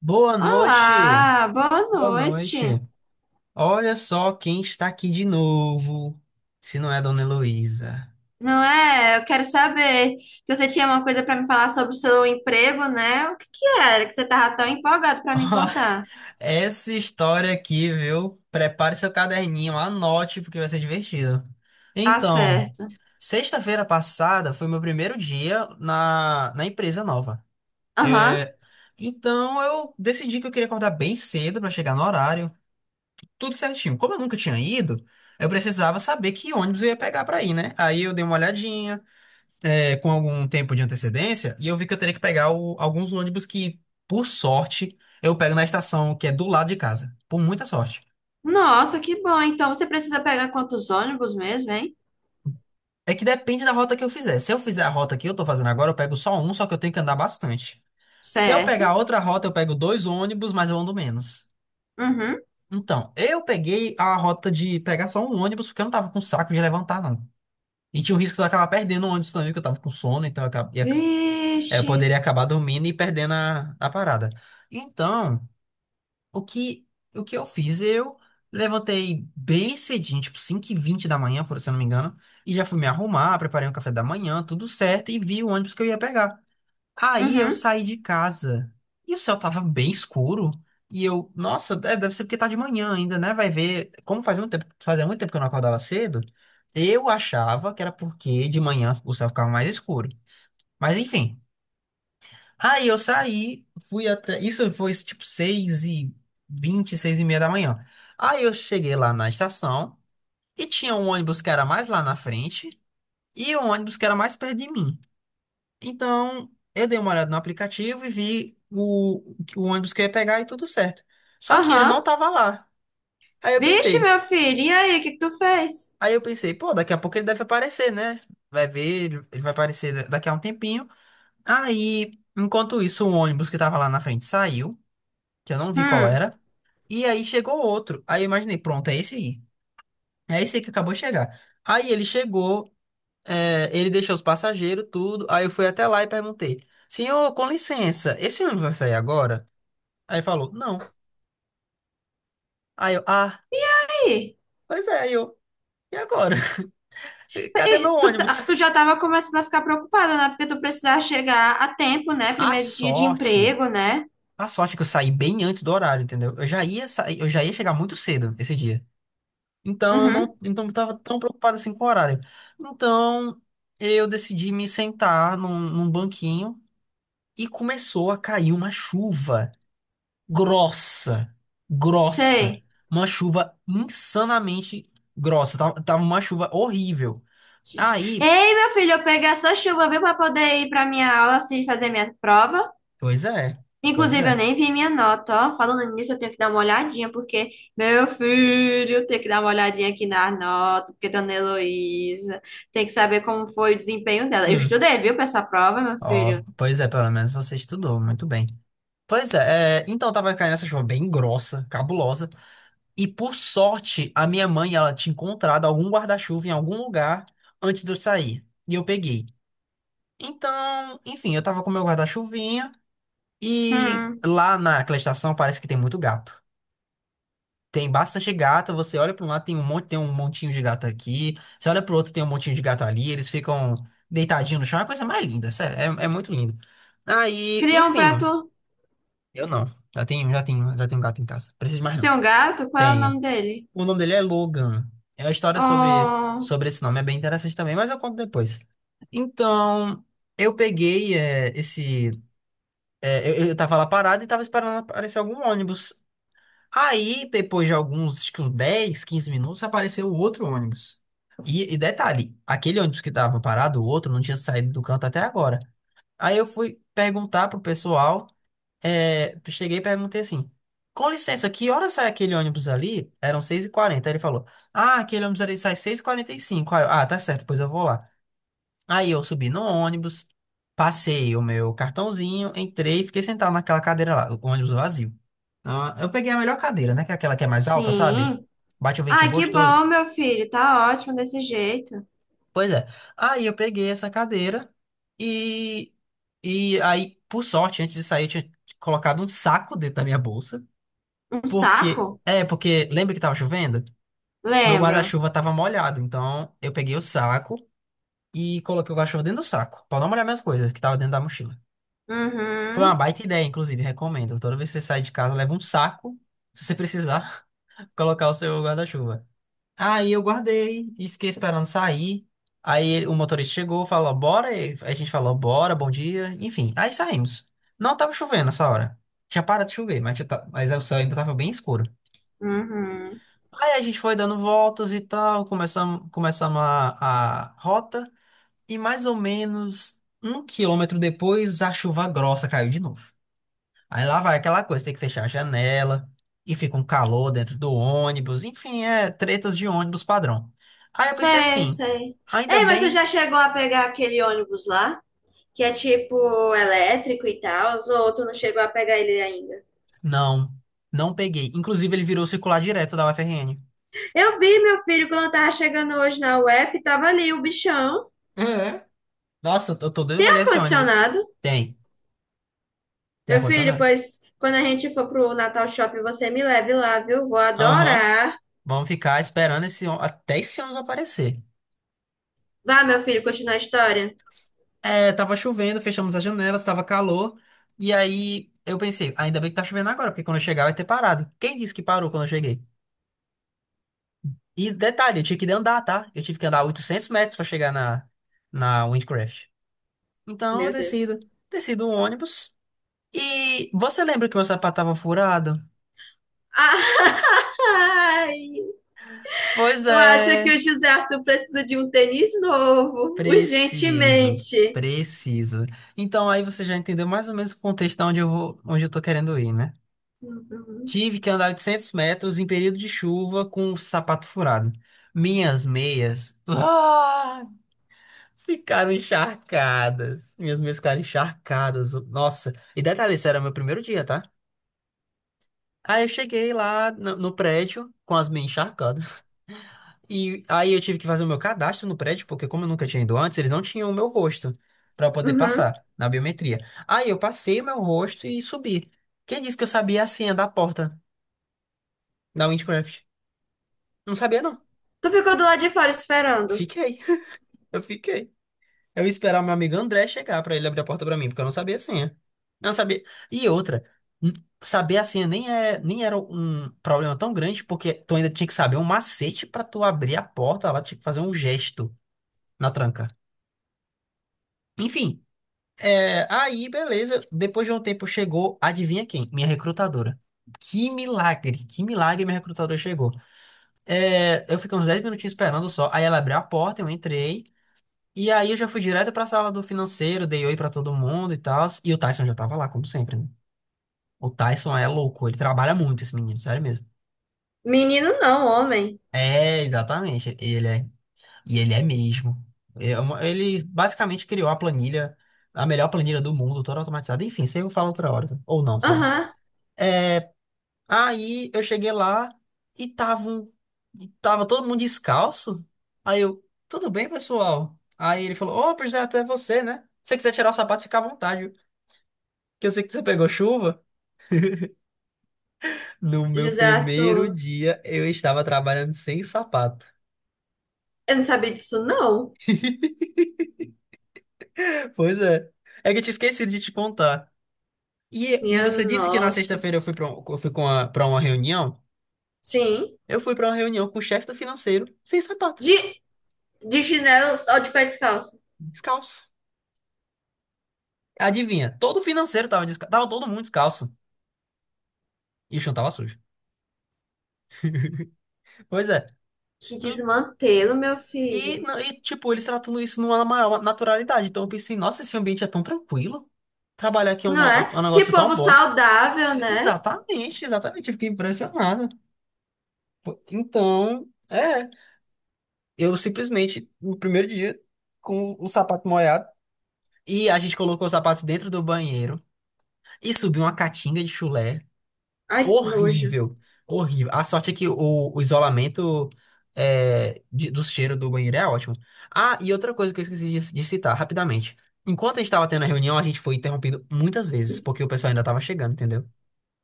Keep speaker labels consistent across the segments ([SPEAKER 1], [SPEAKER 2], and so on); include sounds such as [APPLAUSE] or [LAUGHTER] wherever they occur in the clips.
[SPEAKER 1] Boa noite,
[SPEAKER 2] Olá, boa
[SPEAKER 1] boa noite.
[SPEAKER 2] noite.
[SPEAKER 1] Olha só quem está aqui de novo, se não é a Dona Heloísa.
[SPEAKER 2] Não é? Eu quero saber que você tinha uma coisa para me falar sobre o seu emprego, né? O que que era que você tava tão empolgado
[SPEAKER 1] [LAUGHS]
[SPEAKER 2] para
[SPEAKER 1] Ó,
[SPEAKER 2] me contar?
[SPEAKER 1] essa história aqui, viu? Prepare seu caderninho, anote, porque vai ser divertido.
[SPEAKER 2] Tá
[SPEAKER 1] Então,
[SPEAKER 2] certo.
[SPEAKER 1] sexta-feira passada foi meu primeiro dia na empresa nova.
[SPEAKER 2] Aham.
[SPEAKER 1] É, então, eu decidi que eu queria acordar bem cedo para chegar no horário, tudo certinho. Como eu nunca tinha ido, eu precisava saber que ônibus eu ia pegar para ir, né? Aí eu dei uma olhadinha. Com algum tempo de antecedência e eu vi que eu teria que pegar alguns ônibus que, por sorte, eu pego na estação que é do lado de casa. Por muita sorte.
[SPEAKER 2] Nossa, que bom. Então você precisa pegar quantos ônibus mesmo, hein?
[SPEAKER 1] É que depende da rota que eu fizer. Se eu fizer a rota que eu tô fazendo agora, eu pego só um, só que eu tenho que andar bastante. Se eu pegar
[SPEAKER 2] Certo.
[SPEAKER 1] outra rota, eu pego dois ônibus, mas eu ando menos.
[SPEAKER 2] Uhum.
[SPEAKER 1] Então, eu peguei a rota de pegar só um ônibus, porque eu não tava com saco de levantar, não. E tinha o risco de eu acabar perdendo o ônibus também, porque eu tava com sono, então eu, eu
[SPEAKER 2] Vixe.
[SPEAKER 1] poderia acabar dormindo e perdendo a parada. Então, O que, o que eu fiz? Eu levantei bem cedinho, tipo 5h20 da manhã, por se eu não me engano, e já fui me arrumar, preparei um café da manhã, tudo certo, e vi o ônibus que eu ia pegar. Aí eu
[SPEAKER 2] Uhum.
[SPEAKER 1] saí de casa e o céu tava bem escuro. E eu, nossa, deve ser porque tá de manhã ainda, né? Vai ver. Como fazia muito tempo que eu não acordava cedo, eu achava que era porque de manhã o céu ficava mais escuro. Mas enfim. Aí eu saí, fui até. Isso foi tipo 6h20, 6h30 da manhã. Aí eu cheguei lá na estação e tinha um ônibus que era mais lá na frente e um ônibus que era mais perto de mim. Então eu dei uma olhada no aplicativo e vi o ônibus que eu ia pegar e tudo certo. Só que ele não
[SPEAKER 2] Aham.
[SPEAKER 1] tava lá. Aí eu
[SPEAKER 2] Vixe,
[SPEAKER 1] pensei,
[SPEAKER 2] meu filho. E aí, o que que tu fez?
[SPEAKER 1] aí eu pensei, pô, daqui a pouco ele deve aparecer, né? Vai ver, ele vai aparecer daqui a um tempinho. Aí, enquanto isso, o ônibus que tava lá na frente saiu, que eu não vi qual
[SPEAKER 2] Hum.
[SPEAKER 1] era. E aí chegou outro. Aí eu imaginei, pronto, é esse aí. É esse aí que acabou de chegar. Aí ele chegou, ele deixou os passageiros, tudo. Aí eu fui até lá e perguntei: Senhor, com licença, esse ônibus vai sair agora? Aí falou: Não. Aí eu, ah,
[SPEAKER 2] E aí?
[SPEAKER 1] pois é, aí eu, e agora? [LAUGHS] Cadê meu
[SPEAKER 2] E tu, tu
[SPEAKER 1] ônibus?
[SPEAKER 2] já estava começando a ficar preocupada, né? Porque tu precisava chegar a tempo, né?
[SPEAKER 1] A
[SPEAKER 2] Primeiro dia de
[SPEAKER 1] sorte,
[SPEAKER 2] emprego, né?
[SPEAKER 1] a sorte é que eu saí bem antes do horário, entendeu? Eu já ia sair, eu já ia chegar muito cedo esse dia. Então eu
[SPEAKER 2] Uhum,
[SPEAKER 1] não, então eu estava tão preocupado assim com o horário. Então eu decidi me sentar num banquinho e começou a cair uma chuva grossa, grossa,
[SPEAKER 2] sei.
[SPEAKER 1] uma chuva insanamente grossa. Tava uma chuva horrível. Aí,
[SPEAKER 2] Ei, meu filho, eu peguei essa chuva, viu, para poder ir para minha aula, assim, fazer minha prova.
[SPEAKER 1] pois é, pois
[SPEAKER 2] Inclusive, eu
[SPEAKER 1] é.
[SPEAKER 2] nem vi minha nota, ó. Falando nisso, eu tenho que dar uma olhadinha, porque, meu filho, eu tenho que dar uma olhadinha aqui na nota, porque Dona Heloísa tem que saber como foi o desempenho dela. Eu
[SPEAKER 1] Hum.
[SPEAKER 2] estudei, viu, para essa prova, meu
[SPEAKER 1] Ó,
[SPEAKER 2] filho.
[SPEAKER 1] pois é, pelo menos você estudou muito bem. Pois é, então tava caindo essa chuva bem grossa, cabulosa. E por sorte, a minha mãe, ela tinha encontrado algum guarda-chuva em algum lugar antes de eu sair. E eu peguei. Então, enfim, eu tava com meu guarda-chuvinha e
[SPEAKER 2] Hum.
[SPEAKER 1] lá naquela estação parece que tem muito gato. Tem bastante gato, você olha para um lado, tem um monte, tem um montinho de gato aqui. Você olha pro outro, tem um montinho de gato ali, eles ficam deitadinhos no chão, é a coisa mais linda, sério, é muito lindo. Aí,
[SPEAKER 2] Criou um
[SPEAKER 1] enfim,
[SPEAKER 2] prato.
[SPEAKER 1] eu não. Já tenho, gato em casa. Preciso de mais
[SPEAKER 2] Tu
[SPEAKER 1] não.
[SPEAKER 2] tem um gato? Qual é o
[SPEAKER 1] Tenho.
[SPEAKER 2] nome dele?
[SPEAKER 1] O nome dele é Logan. É a história sobre,
[SPEAKER 2] Oh,
[SPEAKER 1] sobre esse nome, é bem interessante também, mas eu conto depois. Então, eu peguei esse. Eu tava lá parado e tava esperando aparecer algum ônibus. Aí, depois de alguns, acho que uns 10, 15 minutos, apareceu outro ônibus. E detalhe, aquele ônibus que tava parado, o outro, não tinha saído do canto até agora. Aí eu fui perguntar pro pessoal cheguei e perguntei assim: Com licença, que hora sai aquele ônibus ali? Eram 6h40. Aí ele falou: Ah, aquele ônibus ali sai 6h45. Aí eu, ah, tá certo, pois eu vou lá. Aí eu subi no ônibus, passei o meu cartãozinho, entrei e fiquei sentado naquela cadeira lá, o ônibus vazio. Ah, eu peguei a melhor cadeira, né? Que é aquela que é mais alta, sabe?
[SPEAKER 2] sim.
[SPEAKER 1] Bate o ventinho
[SPEAKER 2] Ai, que bom,
[SPEAKER 1] gostoso.
[SPEAKER 2] meu filho. Tá ótimo desse jeito.
[SPEAKER 1] Pois é. Aí eu peguei essa cadeira e. E aí, por sorte, antes de sair, eu tinha colocado um saco dentro da minha bolsa.
[SPEAKER 2] Um
[SPEAKER 1] Porque,
[SPEAKER 2] saco?
[SPEAKER 1] porque lembra que tava chovendo? Meu
[SPEAKER 2] Lembro.
[SPEAKER 1] guarda-chuva tava molhado, então eu peguei o saco e coloquei o guarda-chuva dentro do saco, pra não molhar minhas coisas que tava dentro da mochila. Foi uma
[SPEAKER 2] Uhum,
[SPEAKER 1] baita ideia, inclusive, recomendo. Toda vez que você sair de casa, leva um saco, se você precisar, [LAUGHS] colocar o seu guarda-chuva. Aí eu guardei e fiquei esperando sair. Aí o motorista chegou, falou, bora. E a gente falou, bora, bom dia. Enfim, aí saímos. Não tava chovendo nessa hora. Tinha parado de chover, mas o céu ainda tava bem escuro.
[SPEAKER 2] uhum.
[SPEAKER 1] Aí a gente foi dando voltas e tal, começamos a rota, e mais ou menos um quilômetro depois a chuva grossa caiu de novo. Aí lá vai aquela coisa, tem que fechar a janela, e fica um calor dentro do ônibus, enfim, é tretas de ônibus padrão. Aí eu pensei
[SPEAKER 2] Sei,
[SPEAKER 1] assim,
[SPEAKER 2] sei.
[SPEAKER 1] ainda
[SPEAKER 2] Ei, mas tu
[SPEAKER 1] bem,
[SPEAKER 2] já chegou a pegar aquele ônibus lá? Que é tipo elétrico e tal, ou tu não chegou a pegar ele ainda?
[SPEAKER 1] não, não peguei. Inclusive ele virou circular direto da UFRN.
[SPEAKER 2] Eu vi, meu filho, quando eu tava chegando hoje na UF, tava ali o bichão.
[SPEAKER 1] É. Nossa, eu tô doido
[SPEAKER 2] Tem
[SPEAKER 1] pra pegar esse ônibus.
[SPEAKER 2] ar-condicionado?
[SPEAKER 1] Tem, tem
[SPEAKER 2] Meu filho,
[SPEAKER 1] ar-condicionado.
[SPEAKER 2] pois quando a gente for pro Natal Shopping, você me leve lá, viu? Vou
[SPEAKER 1] Aham.
[SPEAKER 2] adorar.
[SPEAKER 1] Vamos ficar esperando até esse ônibus aparecer.
[SPEAKER 2] Vá, meu filho, continuar a história.
[SPEAKER 1] É, tava chovendo, fechamos as janelas, tava calor. E aí eu pensei, ainda bem que tá chovendo agora, porque quando eu chegar vai ter parado. Quem disse que parou quando eu cheguei? E detalhe, eu tinha que andar, tá? Eu tive que andar 800 metros pra chegar na Windcraft. Então eu
[SPEAKER 2] Meu Deus.
[SPEAKER 1] decido o ônibus. E você lembra que meu sapato tava furado?
[SPEAKER 2] [LAUGHS] Ai,
[SPEAKER 1] Pois
[SPEAKER 2] eu acho que
[SPEAKER 1] é,
[SPEAKER 2] o José Arthur precisa de um tênis novo,
[SPEAKER 1] preciso,
[SPEAKER 2] urgentemente.
[SPEAKER 1] preciso. Então aí você já entendeu mais ou menos o contexto de onde eu vou, onde eu tô querendo ir, né?
[SPEAKER 2] Uhum.
[SPEAKER 1] Tive que andar 800 metros em período de chuva com o sapato furado. Minhas meias, ah, ficaram encharcadas. Minhas meias ficaram encharcadas. Nossa, e detalhe, isso era meu primeiro dia, tá? Aí eu cheguei lá no prédio com as meias encharcadas. E aí eu tive que fazer o meu cadastro no prédio, porque como eu nunca tinha ido antes, eles não tinham o meu rosto pra eu poder
[SPEAKER 2] Uhum.
[SPEAKER 1] passar na biometria. Aí eu passei o meu rosto e subi. Quem disse que eu sabia a senha da porta da Windcraft? Não sabia, não.
[SPEAKER 2] Tu ficou do lado de fora esperando.
[SPEAKER 1] Fiquei. Eu fiquei. Eu ia esperar o meu amigo André chegar pra ele abrir a porta pra mim, porque eu não sabia a senha. Eu não sabia. E outra, n- saber a senha nem é, nem era um problema tão grande, porque tu ainda tinha que saber um macete pra tu abrir a porta, ela tinha que fazer um gesto na tranca. Enfim, aí beleza. Depois de um tempo chegou, adivinha quem? Minha recrutadora. Que milagre minha recrutadora chegou. Eu fiquei uns 10 minutinhos esperando só. Aí ela abriu a porta, eu entrei. E aí eu já fui direto pra sala do financeiro, dei oi pra todo mundo e tal. E o Tyson já tava lá, como sempre, né? O Tyson é louco, ele trabalha muito, esse menino, sério mesmo.
[SPEAKER 2] Menino não, homem.
[SPEAKER 1] É, exatamente, ele é. E ele é mesmo. Ele basicamente criou a planilha, a melhor planilha do mundo, toda automatizada. Enfim, isso aí eu falo outra hora. Tá? Ou não, sei lá.
[SPEAKER 2] Aham,
[SPEAKER 1] Aí eu cheguei lá e tava todo mundo descalço. Aí eu, tudo bem, pessoal? Aí ele falou, ô, pois é, até você, né? Se você quiser tirar o sapato, fica à vontade. Que eu sei que você pegou chuva. No meu
[SPEAKER 2] José
[SPEAKER 1] primeiro
[SPEAKER 2] Arthur.
[SPEAKER 1] dia, eu estava trabalhando sem sapato.
[SPEAKER 2] Eu não sabia disso, não.
[SPEAKER 1] [LAUGHS] Pois é. É que eu tinha esquecido de te contar. E
[SPEAKER 2] Minha
[SPEAKER 1] você disse que na
[SPEAKER 2] nossa.
[SPEAKER 1] sexta-feira eu fui para eu fui com a- pra uma reunião.
[SPEAKER 2] Sim.
[SPEAKER 1] Eu fui para uma reunião com o chefe do financeiro, sem sapato,
[SPEAKER 2] De, de chinelo ou de pé descalço?
[SPEAKER 1] descalço. Adivinha, todo o financeiro tava descalço, tava todo mundo descalço. E o chão tava sujo. Pois é.
[SPEAKER 2] Que
[SPEAKER 1] E,
[SPEAKER 2] desmantelo, meu
[SPEAKER 1] e,
[SPEAKER 2] filho.
[SPEAKER 1] não- e, tipo, eles tratando isso numa maior naturalidade. Então eu pensei, nossa, esse ambiente é tão tranquilo. Trabalhar aqui é um,
[SPEAKER 2] Não é?
[SPEAKER 1] é um
[SPEAKER 2] Que
[SPEAKER 1] negócio tão
[SPEAKER 2] povo
[SPEAKER 1] bom.
[SPEAKER 2] saudável, né?
[SPEAKER 1] Exatamente, exatamente. Eu fiquei impressionado. Pô, então, eu simplesmente, no primeiro dia, com o sapato molhado, e a gente colocou os sapatos dentro do banheiro e subiu uma catinga de chulé.
[SPEAKER 2] Ai, que nojo.
[SPEAKER 1] Horrível, horrível. A sorte é que o isolamento do cheiro do banheiro é ótimo. Ah, e outra coisa que eu esqueci de citar rapidamente. Enquanto a gente estava tendo a reunião, a gente foi interrompido muitas vezes, porque o pessoal ainda estava chegando, entendeu?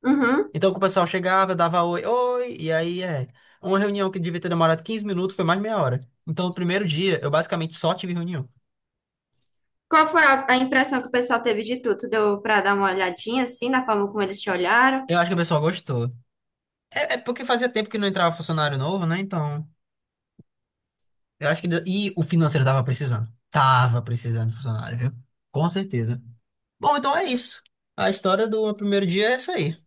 [SPEAKER 2] Uhum.
[SPEAKER 1] Então que o pessoal chegava, eu dava oi, oi, e aí é. Uma reunião que devia ter demorado 15 minutos foi mais meia hora. Então no primeiro dia eu basicamente só tive reunião.
[SPEAKER 2] Qual foi a impressão que o pessoal teve de tu? Tu deu pra dar uma olhadinha, assim, na forma como eles te olharam?
[SPEAKER 1] Eu acho que o pessoal gostou. É porque fazia tempo que não entrava funcionário novo, né? Então, eu acho que. E o financeiro tava precisando. Tava precisando de funcionário, viu? Com certeza. Bom, então é isso. A história do meu primeiro dia é essa aí.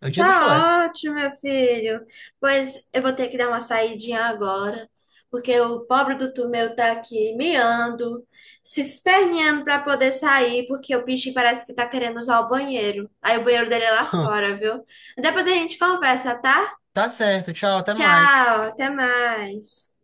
[SPEAKER 1] É o dia do chulé. [LAUGHS]
[SPEAKER 2] Tá ótimo, meu filho. Pois eu vou ter que dar uma saidinha agora, porque o pobre do Tomeu tá aqui miando, se esperneando pra poder sair, porque o bicho parece que tá querendo usar o banheiro. Aí o banheiro dele é lá
[SPEAKER 1] Hum.
[SPEAKER 2] fora, viu? Depois a gente conversa, tá?
[SPEAKER 1] Tá certo, tchau, até mais.
[SPEAKER 2] Tchau, até mais.